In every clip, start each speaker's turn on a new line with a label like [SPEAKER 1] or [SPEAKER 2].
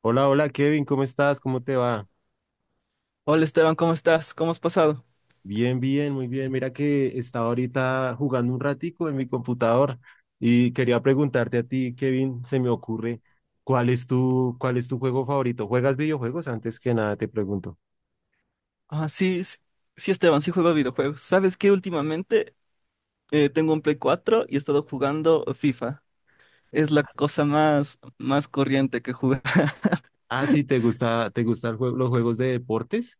[SPEAKER 1] Hola, hola Kevin, ¿cómo estás? ¿Cómo te va?
[SPEAKER 2] Hola Esteban, ¿cómo estás? ¿Cómo has pasado?
[SPEAKER 1] Bien, bien, muy bien. Mira que estaba ahorita jugando un ratico en mi computador y quería preguntarte a ti, Kevin, se me ocurre, ¿cuál es tu juego favorito? ¿Juegas videojuegos? Antes que nada te pregunto.
[SPEAKER 2] Ah, sí, sí, Esteban, sí juego videojuegos. ¿Sabes qué? Últimamente tengo un Play 4 y he estado jugando FIFA. Es la cosa más corriente que juego.
[SPEAKER 1] Ah, sí, te gustan los juegos de deportes?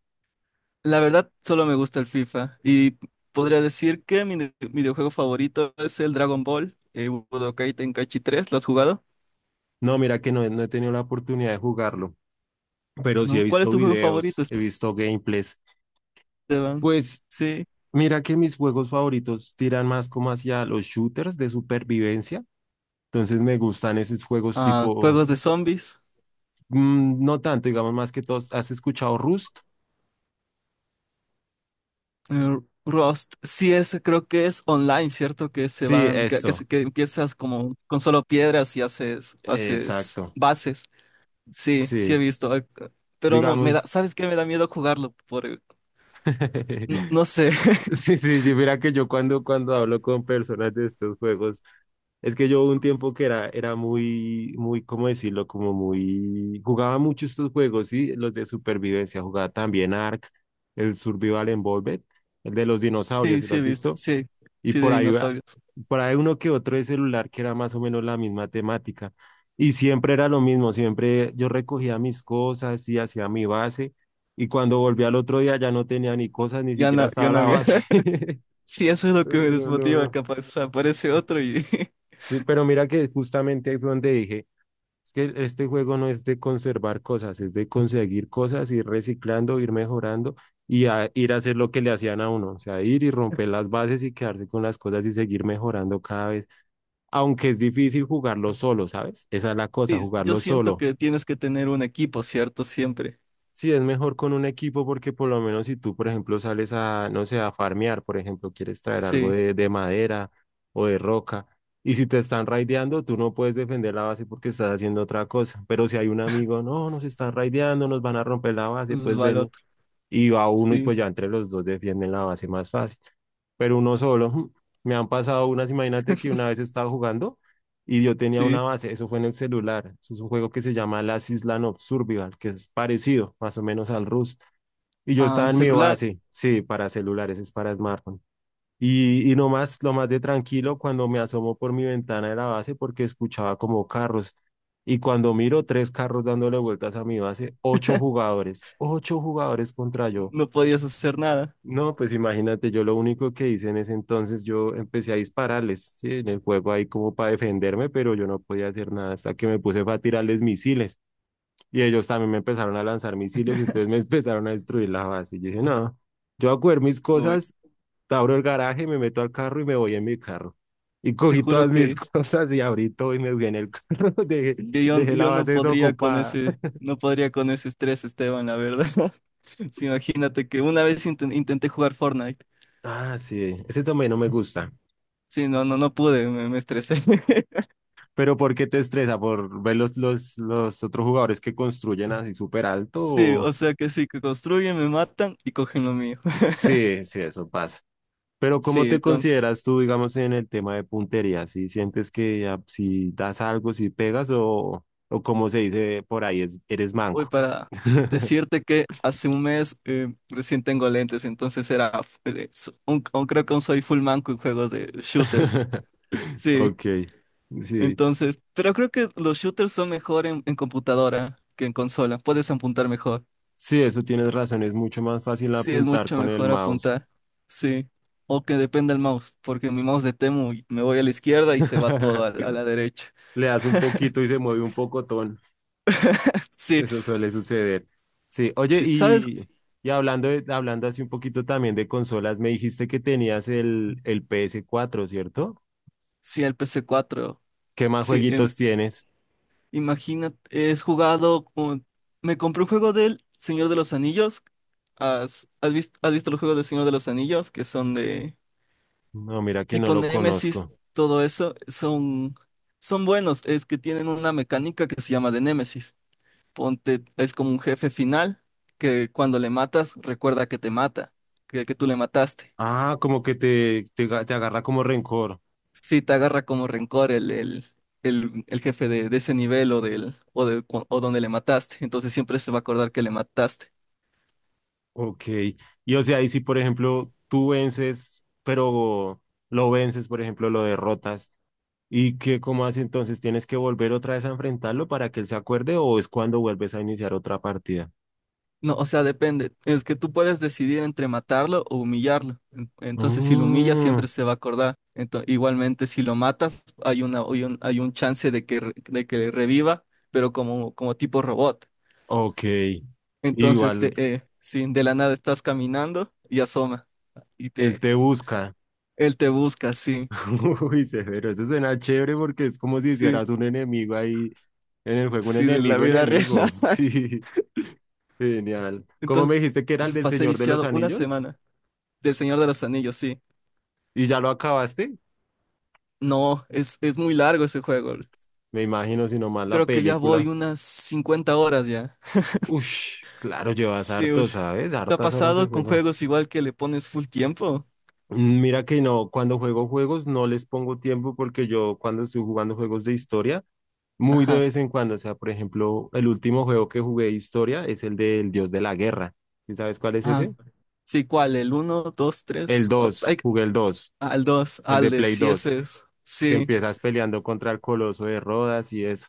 [SPEAKER 2] La verdad, solo me gusta el FIFA. Y podría decir que mi videojuego favorito es el Dragon Ball, Budokai Tenkaichi 3. ¿Lo has jugado?
[SPEAKER 1] No, mira que no, no he tenido la oportunidad de jugarlo, pero sí
[SPEAKER 2] ¿No?
[SPEAKER 1] he
[SPEAKER 2] ¿Cuál es
[SPEAKER 1] visto
[SPEAKER 2] tu juego favorito,
[SPEAKER 1] videos, he visto gameplays.
[SPEAKER 2] Esteban?
[SPEAKER 1] Pues
[SPEAKER 2] Sí.
[SPEAKER 1] mira que mis juegos favoritos tiran más como hacia los shooters de supervivencia. Entonces me gustan esos juegos
[SPEAKER 2] Ah,
[SPEAKER 1] tipo,
[SPEAKER 2] juegos de zombies.
[SPEAKER 1] no tanto, digamos más que todos. ¿Has escuchado Rust?
[SPEAKER 2] Eh, Rust, sí, ese creo que es online, ¿cierto? Que se
[SPEAKER 1] Sí,
[SPEAKER 2] van,
[SPEAKER 1] eso,
[SPEAKER 2] que empiezas como con solo piedras y haces
[SPEAKER 1] exacto.
[SPEAKER 2] bases. Sí, sí
[SPEAKER 1] Sí,
[SPEAKER 2] he visto. Pero no, me da,
[SPEAKER 1] digamos.
[SPEAKER 2] ¿sabes qué? Me da miedo jugarlo por, no, no sé.
[SPEAKER 1] Sí, sí, sí, mira que yo cuando hablo con personas de estos juegos, es que yo hubo un tiempo que era muy, muy, ¿cómo decirlo? Como muy, jugaba mucho estos juegos, sí, los de supervivencia, jugaba también Ark, el Survival Involved, el de los dinosaurios,
[SPEAKER 2] Sí,
[SPEAKER 1] ¿sí lo
[SPEAKER 2] sí he
[SPEAKER 1] has
[SPEAKER 2] visto.
[SPEAKER 1] visto?
[SPEAKER 2] Sí,
[SPEAKER 1] Y
[SPEAKER 2] sí de
[SPEAKER 1] por ahí,
[SPEAKER 2] dinosaurios.
[SPEAKER 1] por ahí uno que otro de celular que era más o menos la misma temática. Y siempre era lo mismo, siempre yo recogía mis cosas y hacía mi base. Y cuando volví al otro día ya no tenía ni cosas, ni
[SPEAKER 2] Ya
[SPEAKER 1] siquiera
[SPEAKER 2] no, ya
[SPEAKER 1] estaba
[SPEAKER 2] no
[SPEAKER 1] la
[SPEAKER 2] había.
[SPEAKER 1] base.
[SPEAKER 2] Sí, eso es lo
[SPEAKER 1] No,
[SPEAKER 2] que me
[SPEAKER 1] no,
[SPEAKER 2] desmotiva,
[SPEAKER 1] no.
[SPEAKER 2] capaz. O sea, aparece otro y
[SPEAKER 1] Sí, pero mira que justamente ahí fue donde dije, es que este juego no es de conservar cosas, es de conseguir cosas, ir reciclando, ir mejorando y ir a hacer lo que le hacían a uno, o sea, ir y romper las bases y quedarse con las cosas y seguir mejorando cada vez. Aunque es difícil jugarlo solo, ¿sabes? Esa es la cosa,
[SPEAKER 2] sí, yo
[SPEAKER 1] jugarlo
[SPEAKER 2] siento
[SPEAKER 1] solo.
[SPEAKER 2] que tienes que tener un equipo, ¿cierto? Siempre.
[SPEAKER 1] Sí, es mejor con un equipo porque por lo menos si tú, por ejemplo, sales a, no sé, a farmear, por ejemplo, quieres traer algo
[SPEAKER 2] Sí,
[SPEAKER 1] de madera o de roca, y si te están raideando, tú no puedes defender la base porque estás haciendo otra cosa. Pero si hay un amigo, no, nos están raideando, nos van a romper la base,
[SPEAKER 2] pues
[SPEAKER 1] pues
[SPEAKER 2] va el
[SPEAKER 1] ven
[SPEAKER 2] otro.
[SPEAKER 1] y va uno y
[SPEAKER 2] Sí,
[SPEAKER 1] pues ya entre los dos defienden la base más fácil. Pero uno solo, me han pasado unas, imagínate que una vez estaba jugando y yo tenía una
[SPEAKER 2] sí.
[SPEAKER 1] base, eso fue en el celular, eso es un juego que se llama Last Island of Survival, que es parecido más o menos al Rust. Y yo
[SPEAKER 2] Ah,
[SPEAKER 1] estaba
[SPEAKER 2] en
[SPEAKER 1] en mi
[SPEAKER 2] celular.
[SPEAKER 1] base, sí, para celulares, es para smartphone. Y no más, lo más de tranquilo cuando me asomo por mi ventana de la base porque escuchaba como carros. Y cuando miro tres carros dándole vueltas a mi base, ocho jugadores contra yo.
[SPEAKER 2] No podías hacer nada.
[SPEAKER 1] No, pues imagínate, yo lo único que hice en ese entonces, yo empecé a dispararles, ¿sí? En el juego ahí como para defenderme, pero yo no podía hacer nada hasta que me puse fue a tirarles misiles. Y ellos también me empezaron a lanzar misiles, entonces me empezaron a destruir la base. Y yo dije, no, yo voy a coger mis
[SPEAKER 2] Uy,
[SPEAKER 1] cosas, abro el garaje, me meto al carro y me voy en mi carro. Y
[SPEAKER 2] te
[SPEAKER 1] cogí
[SPEAKER 2] juro
[SPEAKER 1] todas mis
[SPEAKER 2] que,
[SPEAKER 1] cosas y abrí todo y me fui en el carro, dejé,
[SPEAKER 2] que yo,
[SPEAKER 1] dejé la
[SPEAKER 2] yo no
[SPEAKER 1] base
[SPEAKER 2] podría con
[SPEAKER 1] desocupada.
[SPEAKER 2] ese, no podría con ese estrés, Esteban, la verdad. Sí, imagínate que una vez intenté jugar Fortnite.
[SPEAKER 1] Ah, sí, ese también no me gusta.
[SPEAKER 2] Sí, no, no, no pude, me estresé.
[SPEAKER 1] Pero ¿por qué te estresa? ¿Por ver los otros jugadores que construyen así súper alto?
[SPEAKER 2] Sí, o
[SPEAKER 1] O-
[SPEAKER 2] sea que sí, que construyen, me matan y cogen lo mío.
[SPEAKER 1] Sí, sí, eso pasa. Pero ¿cómo
[SPEAKER 2] Sí,
[SPEAKER 1] te
[SPEAKER 2] entonces,
[SPEAKER 1] consideras tú, digamos, en el tema de puntería? ¿Si sientes que ah, si das algo, si pegas o como se dice por ahí, eres
[SPEAKER 2] voy
[SPEAKER 1] manco?
[SPEAKER 2] para decirte que hace un mes recién tengo lentes, entonces era, creo que aún soy full manco en juegos de shooters. Sí,
[SPEAKER 1] Ok, sí.
[SPEAKER 2] entonces, pero creo que los shooters son mejor en, computadora que en consola. Puedes apuntar mejor.
[SPEAKER 1] Sí, eso tienes razón, es mucho más fácil
[SPEAKER 2] Sí, es
[SPEAKER 1] apuntar
[SPEAKER 2] mucho
[SPEAKER 1] con el
[SPEAKER 2] mejor
[SPEAKER 1] mouse.
[SPEAKER 2] apuntar. Sí. O que dependa el mouse, porque mi mouse de Temu y me voy a la izquierda y se va todo a, a la derecha.
[SPEAKER 1] Le das un poquito y se mueve un pocotón.
[SPEAKER 2] Sí,
[SPEAKER 1] Eso suele suceder. Sí, oye,
[SPEAKER 2] sí, ¿sabes?
[SPEAKER 1] y hablando así un poquito también de consolas, me dijiste que tenías el PS4, ¿cierto?
[SPEAKER 2] Sí, el PC4.
[SPEAKER 1] ¿Qué más
[SPEAKER 2] Sí,
[SPEAKER 1] jueguitos tienes?
[SPEAKER 2] imagínate, es jugado con- me compré un juego del Señor de los Anillos. ¿Has visto los juegos del Señor de los Anillos? Que son de,
[SPEAKER 1] No, mira que no
[SPEAKER 2] tipo
[SPEAKER 1] lo
[SPEAKER 2] Nemesis,
[SPEAKER 1] conozco.
[SPEAKER 2] todo eso, son buenos. Es que tienen una mecánica que se llama de Nemesis. Ponte, es como un jefe final que cuando le matas, recuerda que te mata, que tú le mataste.
[SPEAKER 1] Ah, como que te agarra como rencor.
[SPEAKER 2] Si te agarra como rencor el jefe de ese nivel o, del, o, de, cu- o donde le mataste, entonces siempre se va a acordar que le mataste.
[SPEAKER 1] Ok. Y o sea, y si por ejemplo tú vences, pero lo vences, por ejemplo, lo derrotas, ¿y qué, cómo hace entonces? ¿Tienes que volver otra vez a enfrentarlo para que él se acuerde o es cuando vuelves a iniciar otra partida?
[SPEAKER 2] No, o sea, depende. Es que tú puedes decidir entre matarlo o humillarlo. Entonces, si lo humillas,
[SPEAKER 1] Mm.
[SPEAKER 2] siempre se va a acordar. Igualmente, si lo matas, hay un chance de que reviva, pero como tipo robot.
[SPEAKER 1] Ok,
[SPEAKER 2] Entonces,
[SPEAKER 1] igual
[SPEAKER 2] si de la nada estás caminando y asoma, y
[SPEAKER 1] él
[SPEAKER 2] te,
[SPEAKER 1] te busca.
[SPEAKER 2] él te busca, sí,
[SPEAKER 1] Uy, severo, eso suena chévere porque es como si
[SPEAKER 2] sí,
[SPEAKER 1] hicieras un enemigo ahí en el juego, un
[SPEAKER 2] sí, de la
[SPEAKER 1] enemigo
[SPEAKER 2] vida real.
[SPEAKER 1] enemigo. Sí, genial. ¿Cómo
[SPEAKER 2] Entonces,
[SPEAKER 1] me dijiste que era el del
[SPEAKER 2] pasé
[SPEAKER 1] Señor de los
[SPEAKER 2] viciado una
[SPEAKER 1] Anillos?
[SPEAKER 2] semana del Señor de los Anillos, sí.
[SPEAKER 1] ¿Y ya lo acabaste?
[SPEAKER 2] No, es muy largo ese juego.
[SPEAKER 1] Me imagino, si no más la
[SPEAKER 2] Creo que ya voy
[SPEAKER 1] película.
[SPEAKER 2] unas 50 horas ya.
[SPEAKER 1] Ush, claro, llevas
[SPEAKER 2] Sí,
[SPEAKER 1] harto,
[SPEAKER 2] ush.
[SPEAKER 1] ¿sabes?
[SPEAKER 2] ¿Te ha
[SPEAKER 1] Hartas horas de
[SPEAKER 2] pasado con
[SPEAKER 1] juego.
[SPEAKER 2] juegos igual que le pones full tiempo?
[SPEAKER 1] Mira que no, cuando juego juegos no les pongo tiempo porque yo cuando estoy jugando juegos de historia, muy de
[SPEAKER 2] Ajá.
[SPEAKER 1] vez en cuando, o sea, por ejemplo, el último juego que jugué de historia es el del Dios de la Guerra. ¿Y sabes cuál es
[SPEAKER 2] Ah,
[SPEAKER 1] ese?
[SPEAKER 2] sí, ¿cuál? ¿El 1, 2,
[SPEAKER 1] El
[SPEAKER 2] 3?
[SPEAKER 1] 2, jugué el 2,
[SPEAKER 2] Al 2
[SPEAKER 1] el
[SPEAKER 2] al
[SPEAKER 1] de
[SPEAKER 2] de
[SPEAKER 1] Play
[SPEAKER 2] sí,
[SPEAKER 1] 2,
[SPEAKER 2] ese es.
[SPEAKER 1] que
[SPEAKER 2] Sí,
[SPEAKER 1] empiezas peleando contra el Coloso de Rodas y eso,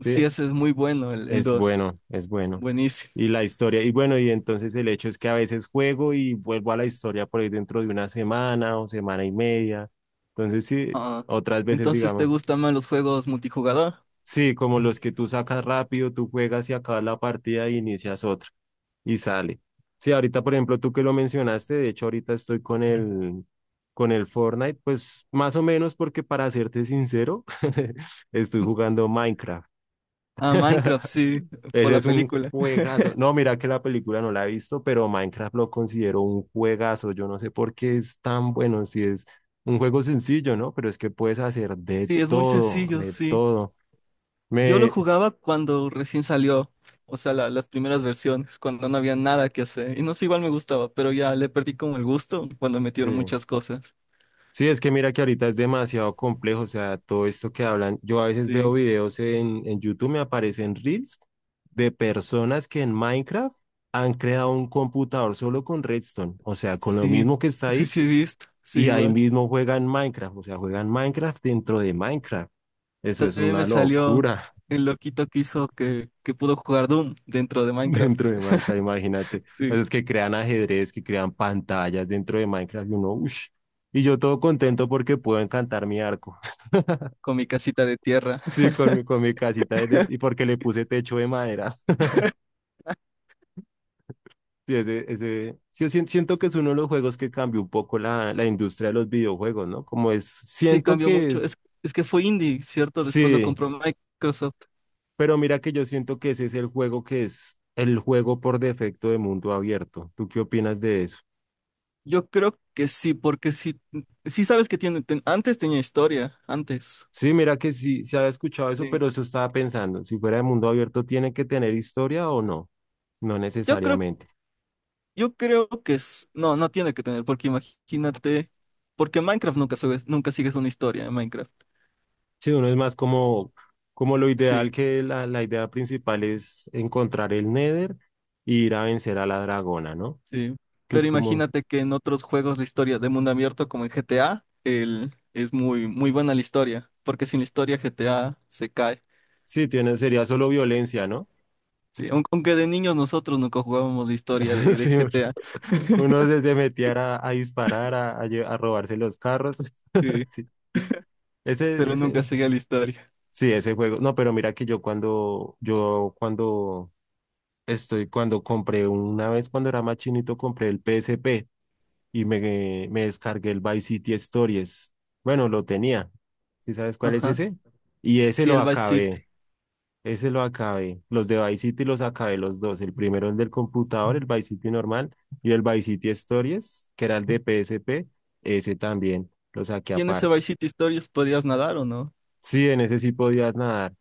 [SPEAKER 2] sí,
[SPEAKER 1] ¿sí?
[SPEAKER 2] ese es muy bueno, el
[SPEAKER 1] Es
[SPEAKER 2] dos.
[SPEAKER 1] bueno, es bueno.
[SPEAKER 2] Buenísimo.
[SPEAKER 1] Y la historia, y bueno, y entonces el hecho es que a veces juego y vuelvo a la historia por ahí dentro de una semana o semana y media. Entonces sí,
[SPEAKER 2] Ah,
[SPEAKER 1] otras veces
[SPEAKER 2] entonces, ¿te
[SPEAKER 1] digamos,
[SPEAKER 2] gustan más los juegos multijugador?
[SPEAKER 1] sí, como los que tú sacas rápido, tú juegas y acabas la partida y inicias otra y sale. Sí, ahorita por ejemplo tú que lo mencionaste, de hecho ahorita estoy con el Fortnite, pues más o menos porque para serte sincero, estoy jugando Minecraft.
[SPEAKER 2] Ah, Minecraft, sí, por
[SPEAKER 1] Ese
[SPEAKER 2] la
[SPEAKER 1] es un
[SPEAKER 2] película.
[SPEAKER 1] juegazo. No, mira que la película no la he visto, pero Minecraft lo considero un juegazo. Yo no sé por qué es tan bueno, si es un juego sencillo, ¿no? Pero es que puedes hacer de
[SPEAKER 2] Sí, es muy
[SPEAKER 1] todo,
[SPEAKER 2] sencillo,
[SPEAKER 1] de
[SPEAKER 2] sí.
[SPEAKER 1] todo.
[SPEAKER 2] Yo lo
[SPEAKER 1] Me,
[SPEAKER 2] jugaba cuando recién salió, o sea, las primeras versiones, cuando no había nada que hacer. Y no sé, igual me gustaba, pero ya le perdí como el gusto cuando metieron
[SPEAKER 1] sí.
[SPEAKER 2] muchas cosas.
[SPEAKER 1] Sí, es que mira que ahorita es demasiado complejo, o sea, todo esto que hablan, yo a veces veo
[SPEAKER 2] Sí,
[SPEAKER 1] videos en YouTube, me aparecen reels de personas que en Minecraft han creado un computador solo con Redstone, o sea, con lo
[SPEAKER 2] sí,
[SPEAKER 1] mismo que está
[SPEAKER 2] sí,
[SPEAKER 1] ahí.
[SPEAKER 2] sí, he visto, sí,
[SPEAKER 1] Y ahí
[SPEAKER 2] igual.
[SPEAKER 1] mismo juegan Minecraft, o sea, juegan Minecraft dentro de Minecraft. Eso es
[SPEAKER 2] También me
[SPEAKER 1] una
[SPEAKER 2] salió
[SPEAKER 1] locura
[SPEAKER 2] el loquito que hizo que pudo jugar Doom dentro de Minecraft,
[SPEAKER 1] dentro de Minecraft, imagínate.
[SPEAKER 2] sí,
[SPEAKER 1] Pues es que crean ajedrez, que crean pantallas dentro de Minecraft y uno, uff. Y yo todo contento porque puedo encantar mi arco.
[SPEAKER 2] con mi casita de tierra.
[SPEAKER 1] Sí, con mi casita y porque le puse techo de madera. Sí, ese, sí, yo siento que es uno de los juegos que cambió un poco la industria de los videojuegos, ¿no? Como es,
[SPEAKER 2] Sí,
[SPEAKER 1] siento
[SPEAKER 2] cambió
[SPEAKER 1] que
[SPEAKER 2] mucho.
[SPEAKER 1] es,
[SPEAKER 2] Es que fue indie, ¿cierto? Después lo
[SPEAKER 1] sí.
[SPEAKER 2] compró Microsoft.
[SPEAKER 1] Pero mira que yo siento que ese es el juego que es el juego por defecto de mundo abierto. ¿Tú qué opinas de eso?
[SPEAKER 2] Yo creo que sí, porque sí, sí sabes que antes tenía historia, antes.
[SPEAKER 1] Sí, mira que sí, se había escuchado eso,
[SPEAKER 2] Sí.
[SPEAKER 1] pero eso estaba pensando, si fuera de mundo abierto, ¿tiene que tener historia o no? No
[SPEAKER 2] Yo creo,
[SPEAKER 1] necesariamente.
[SPEAKER 2] yo creo que es. No, no tiene que tener, porque imagínate. Porque Minecraft nunca sigues, nunca sigues una historia en Minecraft.
[SPEAKER 1] Sí, uno es más como, como lo ideal,
[SPEAKER 2] Sí,
[SPEAKER 1] que la idea principal es encontrar el Nether y ir a vencer a la dragona, ¿no?
[SPEAKER 2] sí.
[SPEAKER 1] Que
[SPEAKER 2] Pero
[SPEAKER 1] es como,
[SPEAKER 2] imagínate que en otros juegos de historia de mundo abierto, como en GTA, es muy, muy buena la historia. Porque sin la historia GTA se cae.
[SPEAKER 1] sí, tiene, sería solo violencia, ¿no?
[SPEAKER 2] Sí, aunque de niños nosotros nunca jugábamos la historia de,
[SPEAKER 1] Sí,
[SPEAKER 2] GTA.
[SPEAKER 1] uno se, se metía a, disparar, a robarse los carros.
[SPEAKER 2] Sí,
[SPEAKER 1] Sí. Ese,
[SPEAKER 2] pero nunca
[SPEAKER 1] ese,
[SPEAKER 2] seguía la historia.
[SPEAKER 1] sí, ese juego. No, pero mira que yo cuando, cuando compré una vez cuando era más chinito, compré el PSP y me descargué el Vice City Stories. Bueno, lo tenía. ¿Sí sabes cuál es
[SPEAKER 2] Ajá.
[SPEAKER 1] ese? Y ese
[SPEAKER 2] Sí,
[SPEAKER 1] lo
[SPEAKER 2] el Vice City.
[SPEAKER 1] acabé. Ese lo acabé. Los de Vice City los acabé los dos. El primero, el del computador, el Vice City normal, y el Vice City Stories, que era el de PSP. Ese también lo saqué
[SPEAKER 2] ¿Y en ese
[SPEAKER 1] aparte.
[SPEAKER 2] Vice City Stories podías nadar o no?
[SPEAKER 1] Sí, en ese sí podías nadar.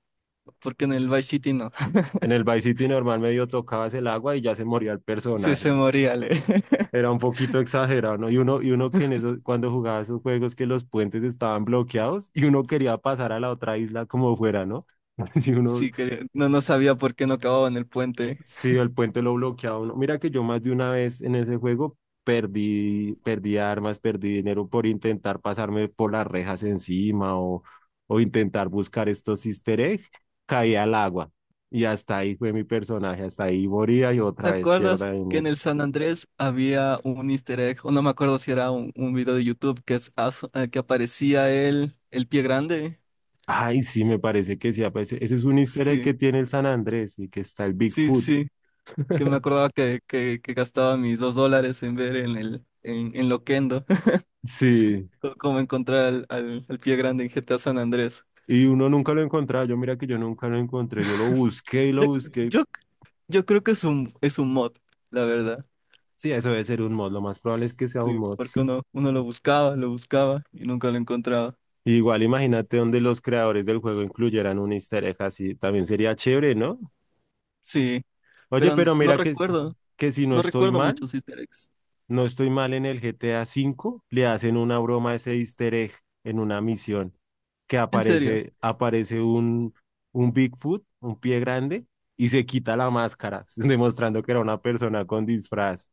[SPEAKER 2] Porque en el Vice City no.
[SPEAKER 1] En el Vice City normal medio tocabas el agua y ya se moría el
[SPEAKER 2] Sí,
[SPEAKER 1] personaje.
[SPEAKER 2] se moría, Ale.
[SPEAKER 1] Era un poquito exagerado, ¿no? Y uno que en esos, cuando jugaba esos juegos que los puentes estaban bloqueados y uno quería pasar a la otra isla como fuera, ¿no? Y uno
[SPEAKER 2] Sí, no, no sabía por qué no acababa en el puente.
[SPEAKER 1] sí, el puente lo bloqueaba uno. Mira que yo más de una vez en ese juego perdí, perdí armas, perdí dinero por intentar pasarme por las rejas encima o intentar buscar estos easter eggs, caí al agua. Y hasta ahí fue mi personaje, hasta ahí moría y
[SPEAKER 2] ¿Te
[SPEAKER 1] otra vez
[SPEAKER 2] acuerdas
[SPEAKER 1] pierda
[SPEAKER 2] que en
[SPEAKER 1] dinero.
[SPEAKER 2] el San Andrés había un easter egg? O no me acuerdo si era un, video de YouTube que, que aparecía el pie grande.
[SPEAKER 1] Ay, sí, me parece que sí. Ah, pues, ese es un easter egg
[SPEAKER 2] Sí,
[SPEAKER 1] que tiene el San Andrés y que está el
[SPEAKER 2] sí,
[SPEAKER 1] Bigfoot.
[SPEAKER 2] sí. Que me acordaba que gastaba mis 2 dólares en ver en el en Loquendo
[SPEAKER 1] Sí,
[SPEAKER 2] cómo encontrar al, al pie grande en GTA San Andrés.
[SPEAKER 1] y uno nunca lo encontraba. Yo mira que yo nunca lo encontré. Yo lo busqué y lo
[SPEAKER 2] Yo,
[SPEAKER 1] busqué.
[SPEAKER 2] yo, yo creo que es un mod, la verdad.
[SPEAKER 1] Sí, eso debe ser un mod. Lo más probable es que sea un
[SPEAKER 2] Sí,
[SPEAKER 1] mod.
[SPEAKER 2] porque uno lo buscaba y nunca lo encontraba.
[SPEAKER 1] Igual imagínate donde los creadores del juego incluyeran un easter egg así. También sería chévere, ¿no?
[SPEAKER 2] Sí,
[SPEAKER 1] Oye,
[SPEAKER 2] pero
[SPEAKER 1] pero
[SPEAKER 2] no
[SPEAKER 1] mira que,
[SPEAKER 2] recuerdo,
[SPEAKER 1] que si no
[SPEAKER 2] no
[SPEAKER 1] estoy
[SPEAKER 2] recuerdo
[SPEAKER 1] mal,
[SPEAKER 2] muchos easter eggs.
[SPEAKER 1] en el GTA V, le hacen una broma a ese easter egg en una misión que
[SPEAKER 2] En serio,
[SPEAKER 1] aparece un Bigfoot, un pie grande, y se quita la máscara, demostrando que era una persona con disfraz.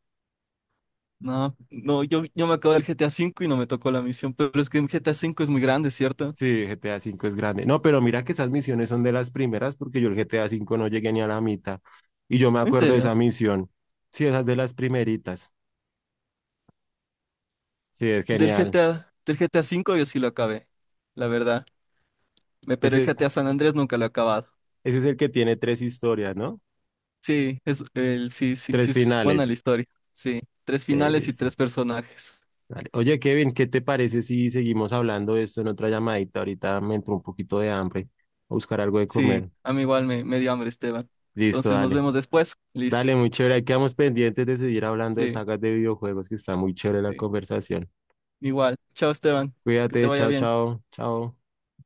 [SPEAKER 2] no, no, yo me acabo del GTA V y no me tocó la misión, pero es que el GTA V es muy grande, ¿cierto?
[SPEAKER 1] Sí, GTA V es grande. No, pero mira que esas misiones son de las primeras porque yo el GTA V no llegué ni a la mitad. Y yo me
[SPEAKER 2] En
[SPEAKER 1] acuerdo de
[SPEAKER 2] serio,
[SPEAKER 1] esa misión. Sí, esas de las primeritas. Sí, es
[SPEAKER 2] del
[SPEAKER 1] genial.
[SPEAKER 2] GTA, del GTA V yo sí lo acabé, la verdad. Pero
[SPEAKER 1] Ese,
[SPEAKER 2] el GTA
[SPEAKER 1] es-
[SPEAKER 2] San Andrés nunca lo he acabado.
[SPEAKER 1] Ese es el que tiene tres historias, ¿no?
[SPEAKER 2] Sí, sí, sí, sí,
[SPEAKER 1] Tres
[SPEAKER 2] es buena la
[SPEAKER 1] finales.
[SPEAKER 2] historia. Sí, tres finales y
[SPEAKER 1] Listo.
[SPEAKER 2] tres personajes.
[SPEAKER 1] Vale. Oye, Kevin, ¿qué te parece si seguimos hablando de esto en otra llamadita? Ahorita me entró un poquito de hambre. A buscar algo de
[SPEAKER 2] Sí,
[SPEAKER 1] comer.
[SPEAKER 2] a mí igual me dio hambre, Esteban.
[SPEAKER 1] Listo,
[SPEAKER 2] Entonces nos
[SPEAKER 1] dale.
[SPEAKER 2] vemos después. Listo.
[SPEAKER 1] Dale, muy chévere. Ahí quedamos pendientes de seguir hablando de
[SPEAKER 2] Sí,
[SPEAKER 1] sagas de videojuegos, que está muy chévere la
[SPEAKER 2] sí.
[SPEAKER 1] conversación.
[SPEAKER 2] Igual. Chao, Esteban. Que te
[SPEAKER 1] Cuídate,
[SPEAKER 2] vaya
[SPEAKER 1] chao,
[SPEAKER 2] bien.
[SPEAKER 1] chao, chao.